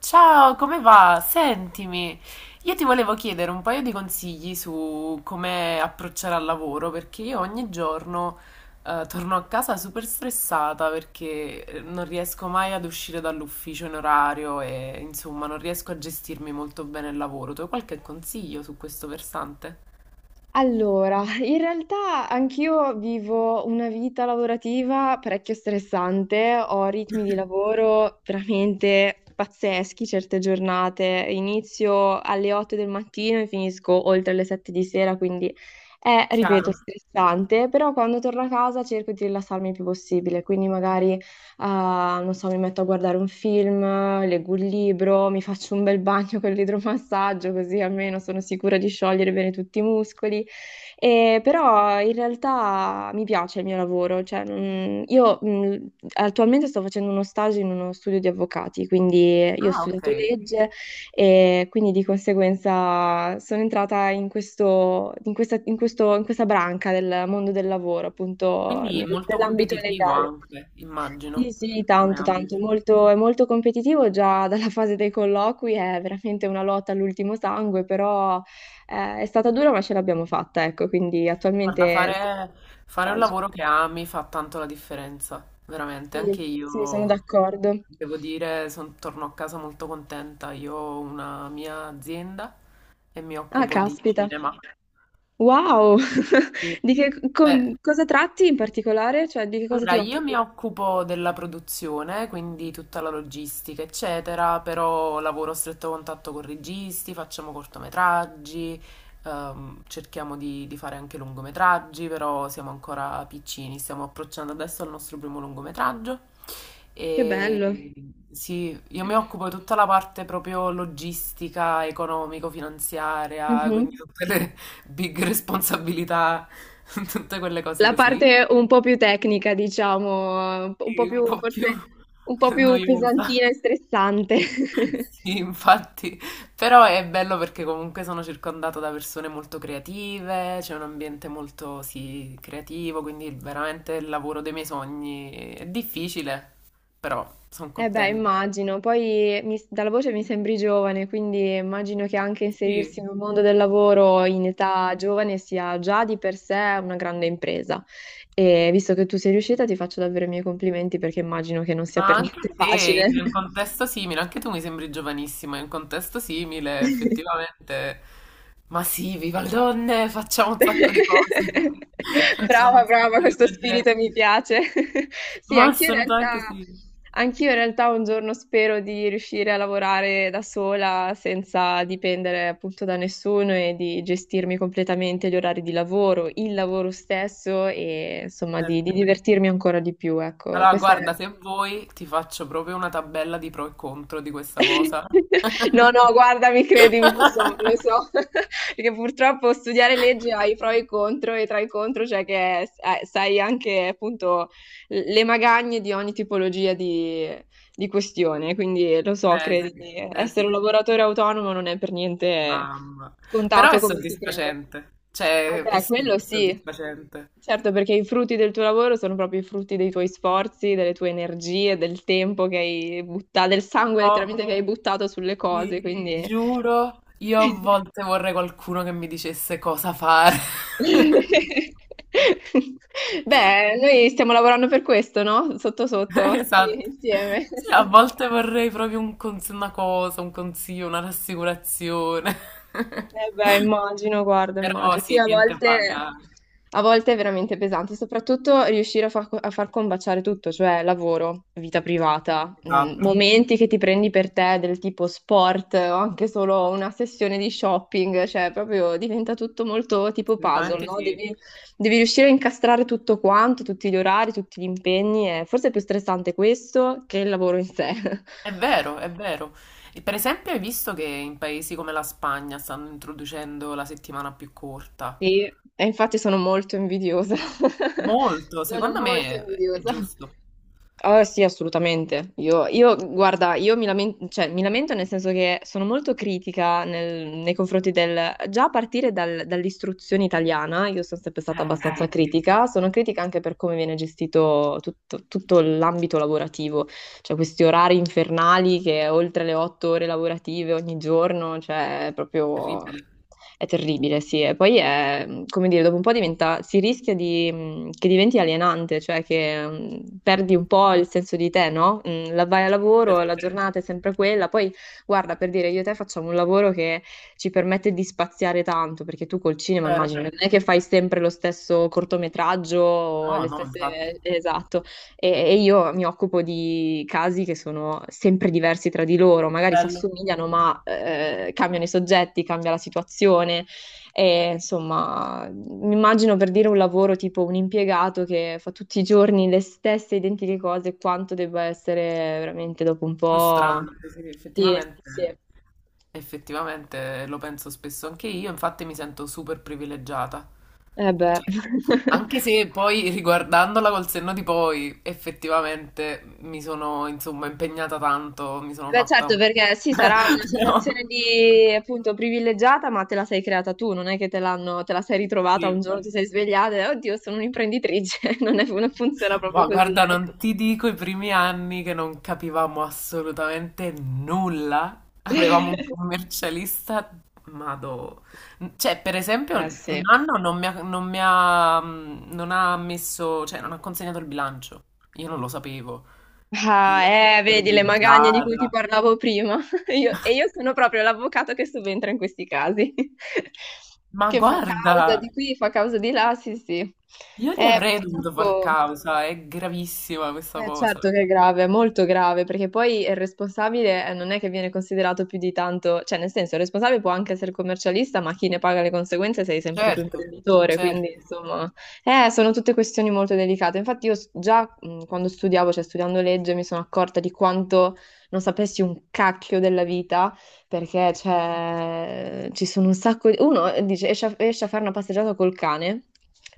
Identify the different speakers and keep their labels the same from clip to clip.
Speaker 1: Ciao, come va? Sentimi, io ti volevo chiedere un paio di consigli su come approcciare al lavoro, perché io ogni giorno torno a casa super stressata perché non riesco mai ad uscire dall'ufficio in orario e insomma non riesco a gestirmi molto bene il lavoro. Tu hai qualche consiglio su questo versante?
Speaker 2: Allora, in realtà anch'io vivo una vita lavorativa parecchio stressante, ho ritmi di lavoro veramente pazzeschi certe giornate, inizio alle 8 del mattino e finisco oltre le 7 di sera, quindi è, ripeto,
Speaker 1: Chiaro.
Speaker 2: stressante, però quando torno a casa cerco di rilassarmi il più possibile, quindi magari, ah, non so, mi metto a guardare un film, leggo un libro, mi faccio un bel bagno con l'idromassaggio, così almeno sono sicura di sciogliere bene tutti i muscoli. E però in realtà mi piace il mio lavoro, cioè, io attualmente sto facendo uno stage in uno studio di avvocati, quindi io ho
Speaker 1: Ah,
Speaker 2: studiato
Speaker 1: ok.
Speaker 2: legge e quindi di conseguenza sono entrata in questa branca del mondo del lavoro, appunto
Speaker 1: Quindi molto
Speaker 2: nell'ambito
Speaker 1: competitivo
Speaker 2: legale.
Speaker 1: anche,
Speaker 2: Sì,
Speaker 1: immagino,
Speaker 2: sì,
Speaker 1: come
Speaker 2: tanto, tanto, è
Speaker 1: ambito.
Speaker 2: molto, è molto competitivo già dalla fase dei colloqui, è veramente una lotta all'ultimo sangue, però è stata dura ma ce l'abbiamo fatta, ecco, quindi
Speaker 1: Guarda,
Speaker 2: attualmente...
Speaker 1: fare un lavoro che ami fa tanto la differenza, veramente.
Speaker 2: Sì,
Speaker 1: Anche
Speaker 2: sì, sono
Speaker 1: io,
Speaker 2: d'accordo.
Speaker 1: devo dire, torno a casa molto contenta. Io ho una mia azienda e mi
Speaker 2: Ah,
Speaker 1: occupo di
Speaker 2: caspita.
Speaker 1: cinema.
Speaker 2: Wow!
Speaker 1: Sì.
Speaker 2: Di che
Speaker 1: Eh,
Speaker 2: cosa tratti in particolare? Cioè, di che cosa
Speaker 1: Allora,
Speaker 2: ti
Speaker 1: io mi
Speaker 2: occupi?
Speaker 1: occupo della produzione, quindi tutta la logistica, eccetera, però lavoro a stretto contatto con registi, facciamo cortometraggi, cerchiamo di fare anche lungometraggi, però siamo ancora piccini, stiamo approcciando adesso al nostro primo lungometraggio
Speaker 2: Che
Speaker 1: e
Speaker 2: bello.
Speaker 1: sì, io mi occupo di tutta la parte proprio logistica, economico-finanziaria, quindi
Speaker 2: Mhm.
Speaker 1: tutte le big responsabilità, tutte quelle cose
Speaker 2: La
Speaker 1: così.
Speaker 2: parte un po' più tecnica, diciamo, un po'
Speaker 1: Sì, un
Speaker 2: più
Speaker 1: po' più
Speaker 2: forse un po' più
Speaker 1: noiosa.
Speaker 2: pesantina e stressante.
Speaker 1: Sì, infatti, però è bello perché comunque sono circondata da persone molto creative, c'è un ambiente molto, sì, creativo, quindi veramente il lavoro dei miei sogni è difficile, però sono
Speaker 2: Eh beh,
Speaker 1: contenta.
Speaker 2: immagino. Poi dalla voce mi sembri giovane, quindi immagino che anche
Speaker 1: Sì.
Speaker 2: inserirsi nel mondo del lavoro in età giovane sia già di per sé una grande impresa. E visto che tu sei riuscita, ti faccio davvero i miei complimenti perché immagino che non sia
Speaker 1: Ma
Speaker 2: per
Speaker 1: anche
Speaker 2: niente
Speaker 1: te,
Speaker 2: facile.
Speaker 1: in un contesto simile, anche tu mi sembri giovanissima, in un contesto simile, effettivamente. Ma sì, viva le donne, facciamo un sacco di cose, facciamo
Speaker 2: Brava,
Speaker 1: un
Speaker 2: brava,
Speaker 1: sacco di
Speaker 2: questo spirito mi
Speaker 1: progetti.
Speaker 2: piace. Sì,
Speaker 1: Ma assolutamente sì,
Speaker 2: anch'io in realtà un giorno spero di riuscire a lavorare da sola senza dipendere appunto da nessuno e di gestirmi completamente gli orari di lavoro, il lavoro stesso e insomma di,
Speaker 1: certo.
Speaker 2: divertirmi ancora di più. Ecco,
Speaker 1: Allora,
Speaker 2: questa è.
Speaker 1: guarda, se vuoi ti faccio proprio una tabella di pro e contro di questa cosa.
Speaker 2: No, no, guardami, credimi, lo so, perché purtroppo studiare legge ha i pro e i contro, e tra i contro c'è che sai anche appunto le magagne di ogni tipologia di questione, quindi lo so,
Speaker 1: Sì,
Speaker 2: credimi,
Speaker 1: eh sì,
Speaker 2: essere un lavoratore autonomo non è per niente
Speaker 1: mamma. Però
Speaker 2: scontato
Speaker 1: è
Speaker 2: come si crede.
Speaker 1: soddisfacente,
Speaker 2: Eh
Speaker 1: cioè è
Speaker 2: beh,
Speaker 1: super
Speaker 2: quello sì,
Speaker 1: soddisfacente.
Speaker 2: certo, perché i frutti del tuo lavoro sono proprio i frutti dei tuoi sforzi, delle tue energie, del tempo che hai buttato, del sangue
Speaker 1: giuro,
Speaker 2: letteralmente che hai buttato sulle cose,
Speaker 1: Ti
Speaker 2: quindi...
Speaker 1: giuro, io a volte vorrei qualcuno che mi dicesse cosa fare.
Speaker 2: Beh, noi stiamo lavorando per questo, no? Sotto sotto, qui
Speaker 1: Esatto.
Speaker 2: insieme.
Speaker 1: Sì, a volte vorrei proprio una cosa, un consiglio, una rassicurazione.
Speaker 2: Eh beh, immagino, guarda,
Speaker 1: Però
Speaker 2: immagino. Sì,
Speaker 1: sì,
Speaker 2: a
Speaker 1: niente
Speaker 2: volte,
Speaker 1: paga.
Speaker 2: a volte è veramente pesante, soprattutto riuscire a far combaciare tutto, cioè lavoro, vita privata,
Speaker 1: Esatto.
Speaker 2: momenti che ti prendi per te del tipo sport o anche solo una sessione di shopping, cioè proprio diventa tutto molto tipo puzzle,
Speaker 1: Assolutamente
Speaker 2: no?
Speaker 1: sì.
Speaker 2: Devi riuscire a incastrare tutto quanto, tutti gli orari, tutti gli impegni, e forse è più stressante questo che il lavoro in sé.
Speaker 1: È vero, è vero. E per esempio, hai visto che in paesi come la Spagna stanno introducendo la settimana più corta?
Speaker 2: Sì, e infatti sono molto invidiosa.
Speaker 1: Molto,
Speaker 2: Sono
Speaker 1: secondo
Speaker 2: molto
Speaker 1: me è
Speaker 2: invidiosa.
Speaker 1: giusto.
Speaker 2: Ah, sì, assolutamente. Io, guarda, io mi lamento, cioè, mi lamento nel senso che sono molto critica nei confronti del... Già a partire dall'istruzione italiana, io sono sempre stata
Speaker 1: Eh
Speaker 2: abbastanza
Speaker 1: sì,
Speaker 2: critica. Sono critica anche per come viene gestito tutto tutto l'ambito lavorativo cioè questi orari infernali che oltre le 8 ore lavorative ogni giorno, cioè è proprio
Speaker 1: terribile.
Speaker 2: è terribile, sì. E poi è, come dire, dopo un po' diventa, si rischia di, che diventi alienante, cioè che perdi un po' il senso di te, no? La vai a lavoro, la
Speaker 1: Tutto,
Speaker 2: giornata è sempre quella, poi guarda, per dire, io e te facciamo un lavoro che ci permette di spaziare tanto, perché tu col cinema
Speaker 1: vero?
Speaker 2: immagino, non è che fai sempre lo stesso cortometraggio o
Speaker 1: No,
Speaker 2: le
Speaker 1: no, infatti.
Speaker 2: stesse... Esatto. E io mi occupo di casi che sono sempre diversi tra di loro, magari si
Speaker 1: Bello,
Speaker 2: assomigliano, ma cambiano i soggetti, cambia la situazione. E, insomma, mi immagino per dire un lavoro tipo un impiegato che fa tutti i giorni le stesse identiche cose, quanto debba essere veramente dopo un po'.
Speaker 1: frustrante, sì,
Speaker 2: Sì,
Speaker 1: effettivamente.
Speaker 2: sì.
Speaker 1: Effettivamente lo penso spesso anche io, infatti mi sento super privilegiata.
Speaker 2: Eh beh.
Speaker 1: Cioè, anche se poi riguardandola col senno di poi, effettivamente mi sono insomma impegnata tanto, mi sono
Speaker 2: Beh,
Speaker 1: fatta
Speaker 2: certo,
Speaker 1: un...
Speaker 2: perché sì, sarà una situazione
Speaker 1: Però,
Speaker 2: di appunto privilegiata, ma te la sei creata tu, non è che te l'hanno, te la sei ritrovata
Speaker 1: sì,
Speaker 2: un giorno, ti sei svegliata e oddio, sono un'imprenditrice, non funziona proprio
Speaker 1: ma
Speaker 2: così,
Speaker 1: guarda,
Speaker 2: ecco.
Speaker 1: non ti dico i primi anni che non capivamo assolutamente nulla. Avevamo un commercialista, mado. Cioè, per
Speaker 2: Eh
Speaker 1: esempio, un
Speaker 2: sì.
Speaker 1: anno non mi ha, non ha messo, cioè, non ha consegnato il bilancio. Io non lo sapevo. Io
Speaker 2: Ah,
Speaker 1: l'ho
Speaker 2: vedi le magagne di cui ti
Speaker 1: terrorizzata.
Speaker 2: parlavo prima. E io sono proprio l'avvocato che subentra in questi casi,
Speaker 1: Ma
Speaker 2: che fa
Speaker 1: guarda,
Speaker 2: causa di qui, fa causa di là, sì, sì.
Speaker 1: io gli avrei dovuto far
Speaker 2: Purtroppo.
Speaker 1: causa, è gravissima questa cosa.
Speaker 2: Certo che è grave, è molto grave, perché poi il responsabile non è che viene considerato più di tanto, cioè nel senso il responsabile può anche essere commercialista, ma chi ne paga le conseguenze sei sempre tu
Speaker 1: Certo,
Speaker 2: imprenditore, quindi
Speaker 1: certo.
Speaker 2: insomma, sono tutte questioni molto delicate. Infatti io già quando studiavo, cioè studiando legge, mi sono accorta di quanto non sapessi un cacchio della vita perché cioè, ci sono un sacco di... Uno dice, esci a fare una passeggiata col cane,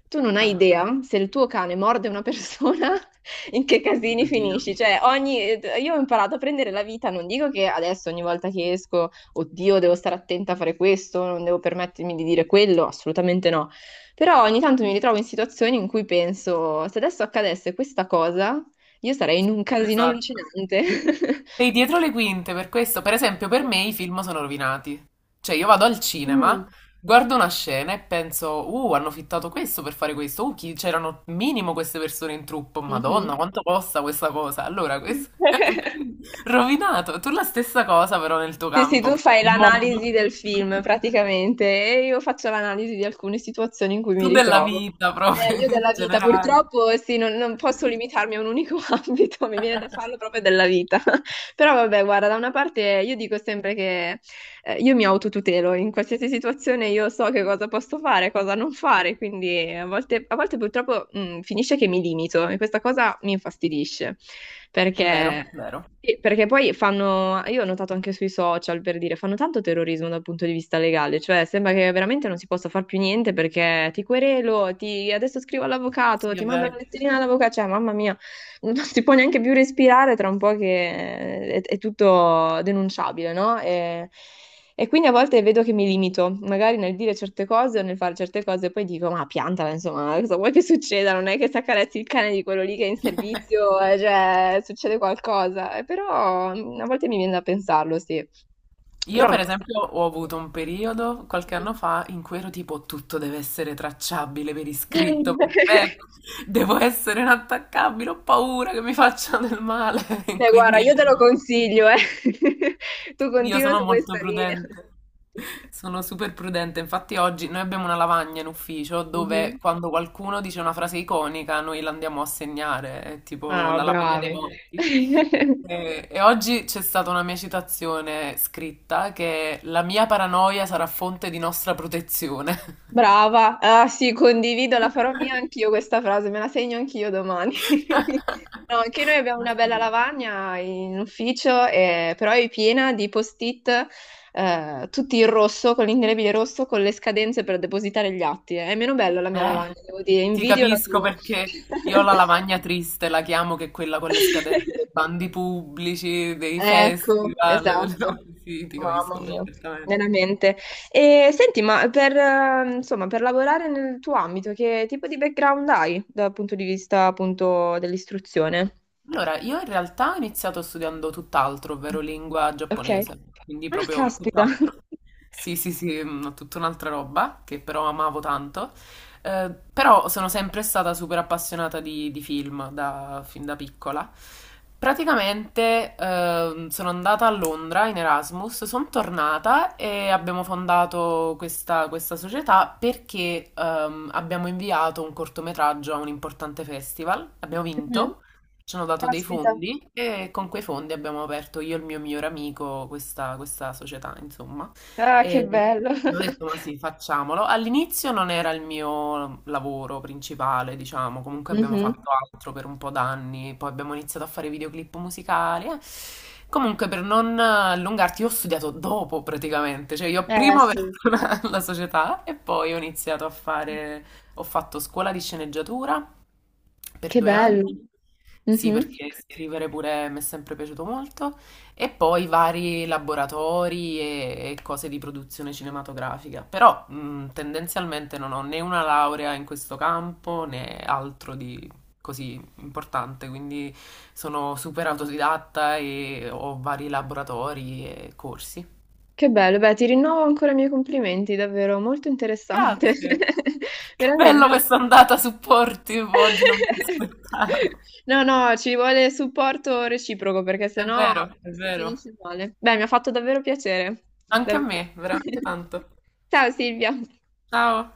Speaker 2: tu non hai
Speaker 1: Ah,
Speaker 2: idea se il tuo cane morde una persona, in che
Speaker 1: mio
Speaker 2: casini
Speaker 1: Dio.
Speaker 2: finisci. Cioè, ogni... Io ho imparato a prendere la vita, non dico che adesso ogni volta che esco, oddio, devo stare attenta a fare questo, non devo permettermi di dire quello, assolutamente no. Però ogni tanto mi ritrovo in situazioni in cui penso, se adesso accadesse questa cosa, io sarei in un casino
Speaker 1: Esatto.
Speaker 2: allucinante.
Speaker 1: Sei dietro le quinte per questo. Per esempio, per
Speaker 2: Sì.
Speaker 1: me i film sono rovinati. Cioè, io vado al cinema,
Speaker 2: Mm.
Speaker 1: guardo una scena e penso, hanno fittato questo per fare questo. C'erano minimo queste persone in truppo. Madonna,
Speaker 2: Mhm.
Speaker 1: quanto costa questa cosa? Allora, questo è rovinato. Tu la stessa cosa, però, nel tuo
Speaker 2: Sì, sì,
Speaker 1: campo,
Speaker 2: tu
Speaker 1: che è
Speaker 2: fai
Speaker 1: il mondo.
Speaker 2: l'analisi del film praticamente e io faccio l'analisi di alcune situazioni in cui mi
Speaker 1: Tu della
Speaker 2: ritrovo.
Speaker 1: vita, proprio,
Speaker 2: Io
Speaker 1: in
Speaker 2: della vita,
Speaker 1: generale.
Speaker 2: purtroppo, sì, non posso limitarmi a un unico ambito, mi viene da farlo proprio della vita. Però vabbè, guarda, da una parte io dico sempre che io mi autotutelo, in qualsiasi situazione io so che cosa posso fare, cosa non fare, quindi a volte purtroppo finisce che mi limito e questa cosa mi infastidisce,
Speaker 1: Vero,
Speaker 2: perché...
Speaker 1: vero.
Speaker 2: Sì, perché poi fanno, io ho notato anche sui social per dire, fanno tanto terrorismo dal punto di vista legale, cioè sembra che veramente non si possa far più niente perché ti querelo, ti, adesso scrivo all'avvocato,
Speaker 1: Sì,
Speaker 2: ti
Speaker 1: è
Speaker 2: mando
Speaker 1: vero.
Speaker 2: la letterina all'avvocato, cioè mamma mia, non si può neanche più respirare tra un po' che è tutto denunciabile, no? E quindi a volte vedo che mi limito, magari nel dire certe cose o nel fare certe cose, e poi dico, ma piantala, insomma, cosa vuoi che succeda? Non è che se accarezzi il cane di quello lì che è in servizio, cioè, succede qualcosa. Però a volte mi viene da pensarlo, sì.
Speaker 1: Io
Speaker 2: Però
Speaker 1: per
Speaker 2: no.
Speaker 1: esempio ho avuto un periodo qualche anno fa in cui ero tipo tutto deve essere tracciabile per iscritto,
Speaker 2: Mhm.
Speaker 1: perfetto, devo essere inattaccabile, ho paura che mi facciano del male,
Speaker 2: Beh, guarda,
Speaker 1: quindi
Speaker 2: io te lo consiglio, eh. Tu
Speaker 1: io
Speaker 2: continua
Speaker 1: sono
Speaker 2: su
Speaker 1: molto
Speaker 2: questa linea.
Speaker 1: prudente, sono super prudente, infatti oggi noi abbiamo una lavagna in ufficio dove
Speaker 2: Mhm.
Speaker 1: quando qualcuno dice una frase iconica noi la andiamo a segnare, è tipo
Speaker 2: Ah,
Speaker 1: la lavagna dei
Speaker 2: bravi.
Speaker 1: morti. E oggi c'è stata una mia citazione scritta che la mia paranoia sarà fonte di nostra protezione.
Speaker 2: Brava, ah sì, condivido, la farò mia anch'io questa frase, me la segno anch'io domani. No, anche noi abbiamo
Speaker 1: Ma
Speaker 2: una bella
Speaker 1: sì.
Speaker 2: lavagna in ufficio, però è piena di post-it, tutti in rosso, con l'indelebile rosso, con le scadenze per depositare gli atti. È meno bella la mia
Speaker 1: Eh,
Speaker 2: lavagna, devo dire,
Speaker 1: ti
Speaker 2: invidio la
Speaker 1: capisco
Speaker 2: tua.
Speaker 1: perché io ho la lavagna triste, la chiamo, che è quella con le scadenze dei bandi pubblici, dei
Speaker 2: Ecco,
Speaker 1: festival, delle
Speaker 2: esatto.
Speaker 1: robe. Sì, ti
Speaker 2: Mamma
Speaker 1: capisco
Speaker 2: mia,
Speaker 1: perfettamente.
Speaker 2: veramente. E senti, ma insomma, per lavorare nel tuo ambito, che tipo di background hai dal punto di vista appunto dell'istruzione?
Speaker 1: Allora, io in realtà ho iniziato studiando tutt'altro, ovvero lingua
Speaker 2: Ok.
Speaker 1: giapponese, quindi
Speaker 2: Ah,
Speaker 1: proprio
Speaker 2: caspita.
Speaker 1: tutt'altro. Sì, sì, sì, tutta un'altra roba che però amavo tanto. Però sono sempre stata super appassionata di film fin da piccola. Praticamente sono andata a Londra in Erasmus, sono tornata e abbiamo fondato questa società perché abbiamo inviato un cortometraggio a un importante festival, abbiamo
Speaker 2: Mhm.
Speaker 1: vinto, ci hanno dato dei
Speaker 2: Caspita.
Speaker 1: fondi e con quei fondi abbiamo aperto io e il mio migliore amico questa società, insomma.
Speaker 2: Ah, che
Speaker 1: E
Speaker 2: bello.
Speaker 1: ho detto, ma sì, facciamolo. All'inizio non era il mio lavoro principale, diciamo, comunque abbiamo
Speaker 2: Mhm.
Speaker 1: fatto altro per un po' d'anni, poi abbiamo iniziato a fare videoclip musicali. Eh. Comunque, per non allungarti, io ho studiato dopo praticamente, cioè io
Speaker 2: Eh
Speaker 1: prima ho aperto
Speaker 2: sì.
Speaker 1: la società e poi ho iniziato a fare, ho fatto scuola di sceneggiatura per
Speaker 2: Che
Speaker 1: 2 anni.
Speaker 2: bello.
Speaker 1: Sì,
Speaker 2: Mhm.
Speaker 1: perché scrivere pure mi è sempre piaciuto molto. E poi vari laboratori e cose di produzione cinematografica. Però tendenzialmente non ho né una laurea in questo campo né altro di così importante. Quindi sono super autodidatta e ho vari laboratori e corsi.
Speaker 2: Che bello. Beh, ti rinnovo ancora i miei complimenti, davvero molto interessante.
Speaker 1: Grazie. Che bello
Speaker 2: Veramente.
Speaker 1: questa andata supportive oggi, non me l'aspettavo.
Speaker 2: No, no, ci vuole supporto reciproco perché
Speaker 1: È
Speaker 2: sennò
Speaker 1: vero, è
Speaker 2: si
Speaker 1: vero.
Speaker 2: finisce male. Beh, mi ha fatto davvero piacere.
Speaker 1: Anche a
Speaker 2: Davvero.
Speaker 1: me, veramente tanto.
Speaker 2: Ciao Silvia.
Speaker 1: Ciao.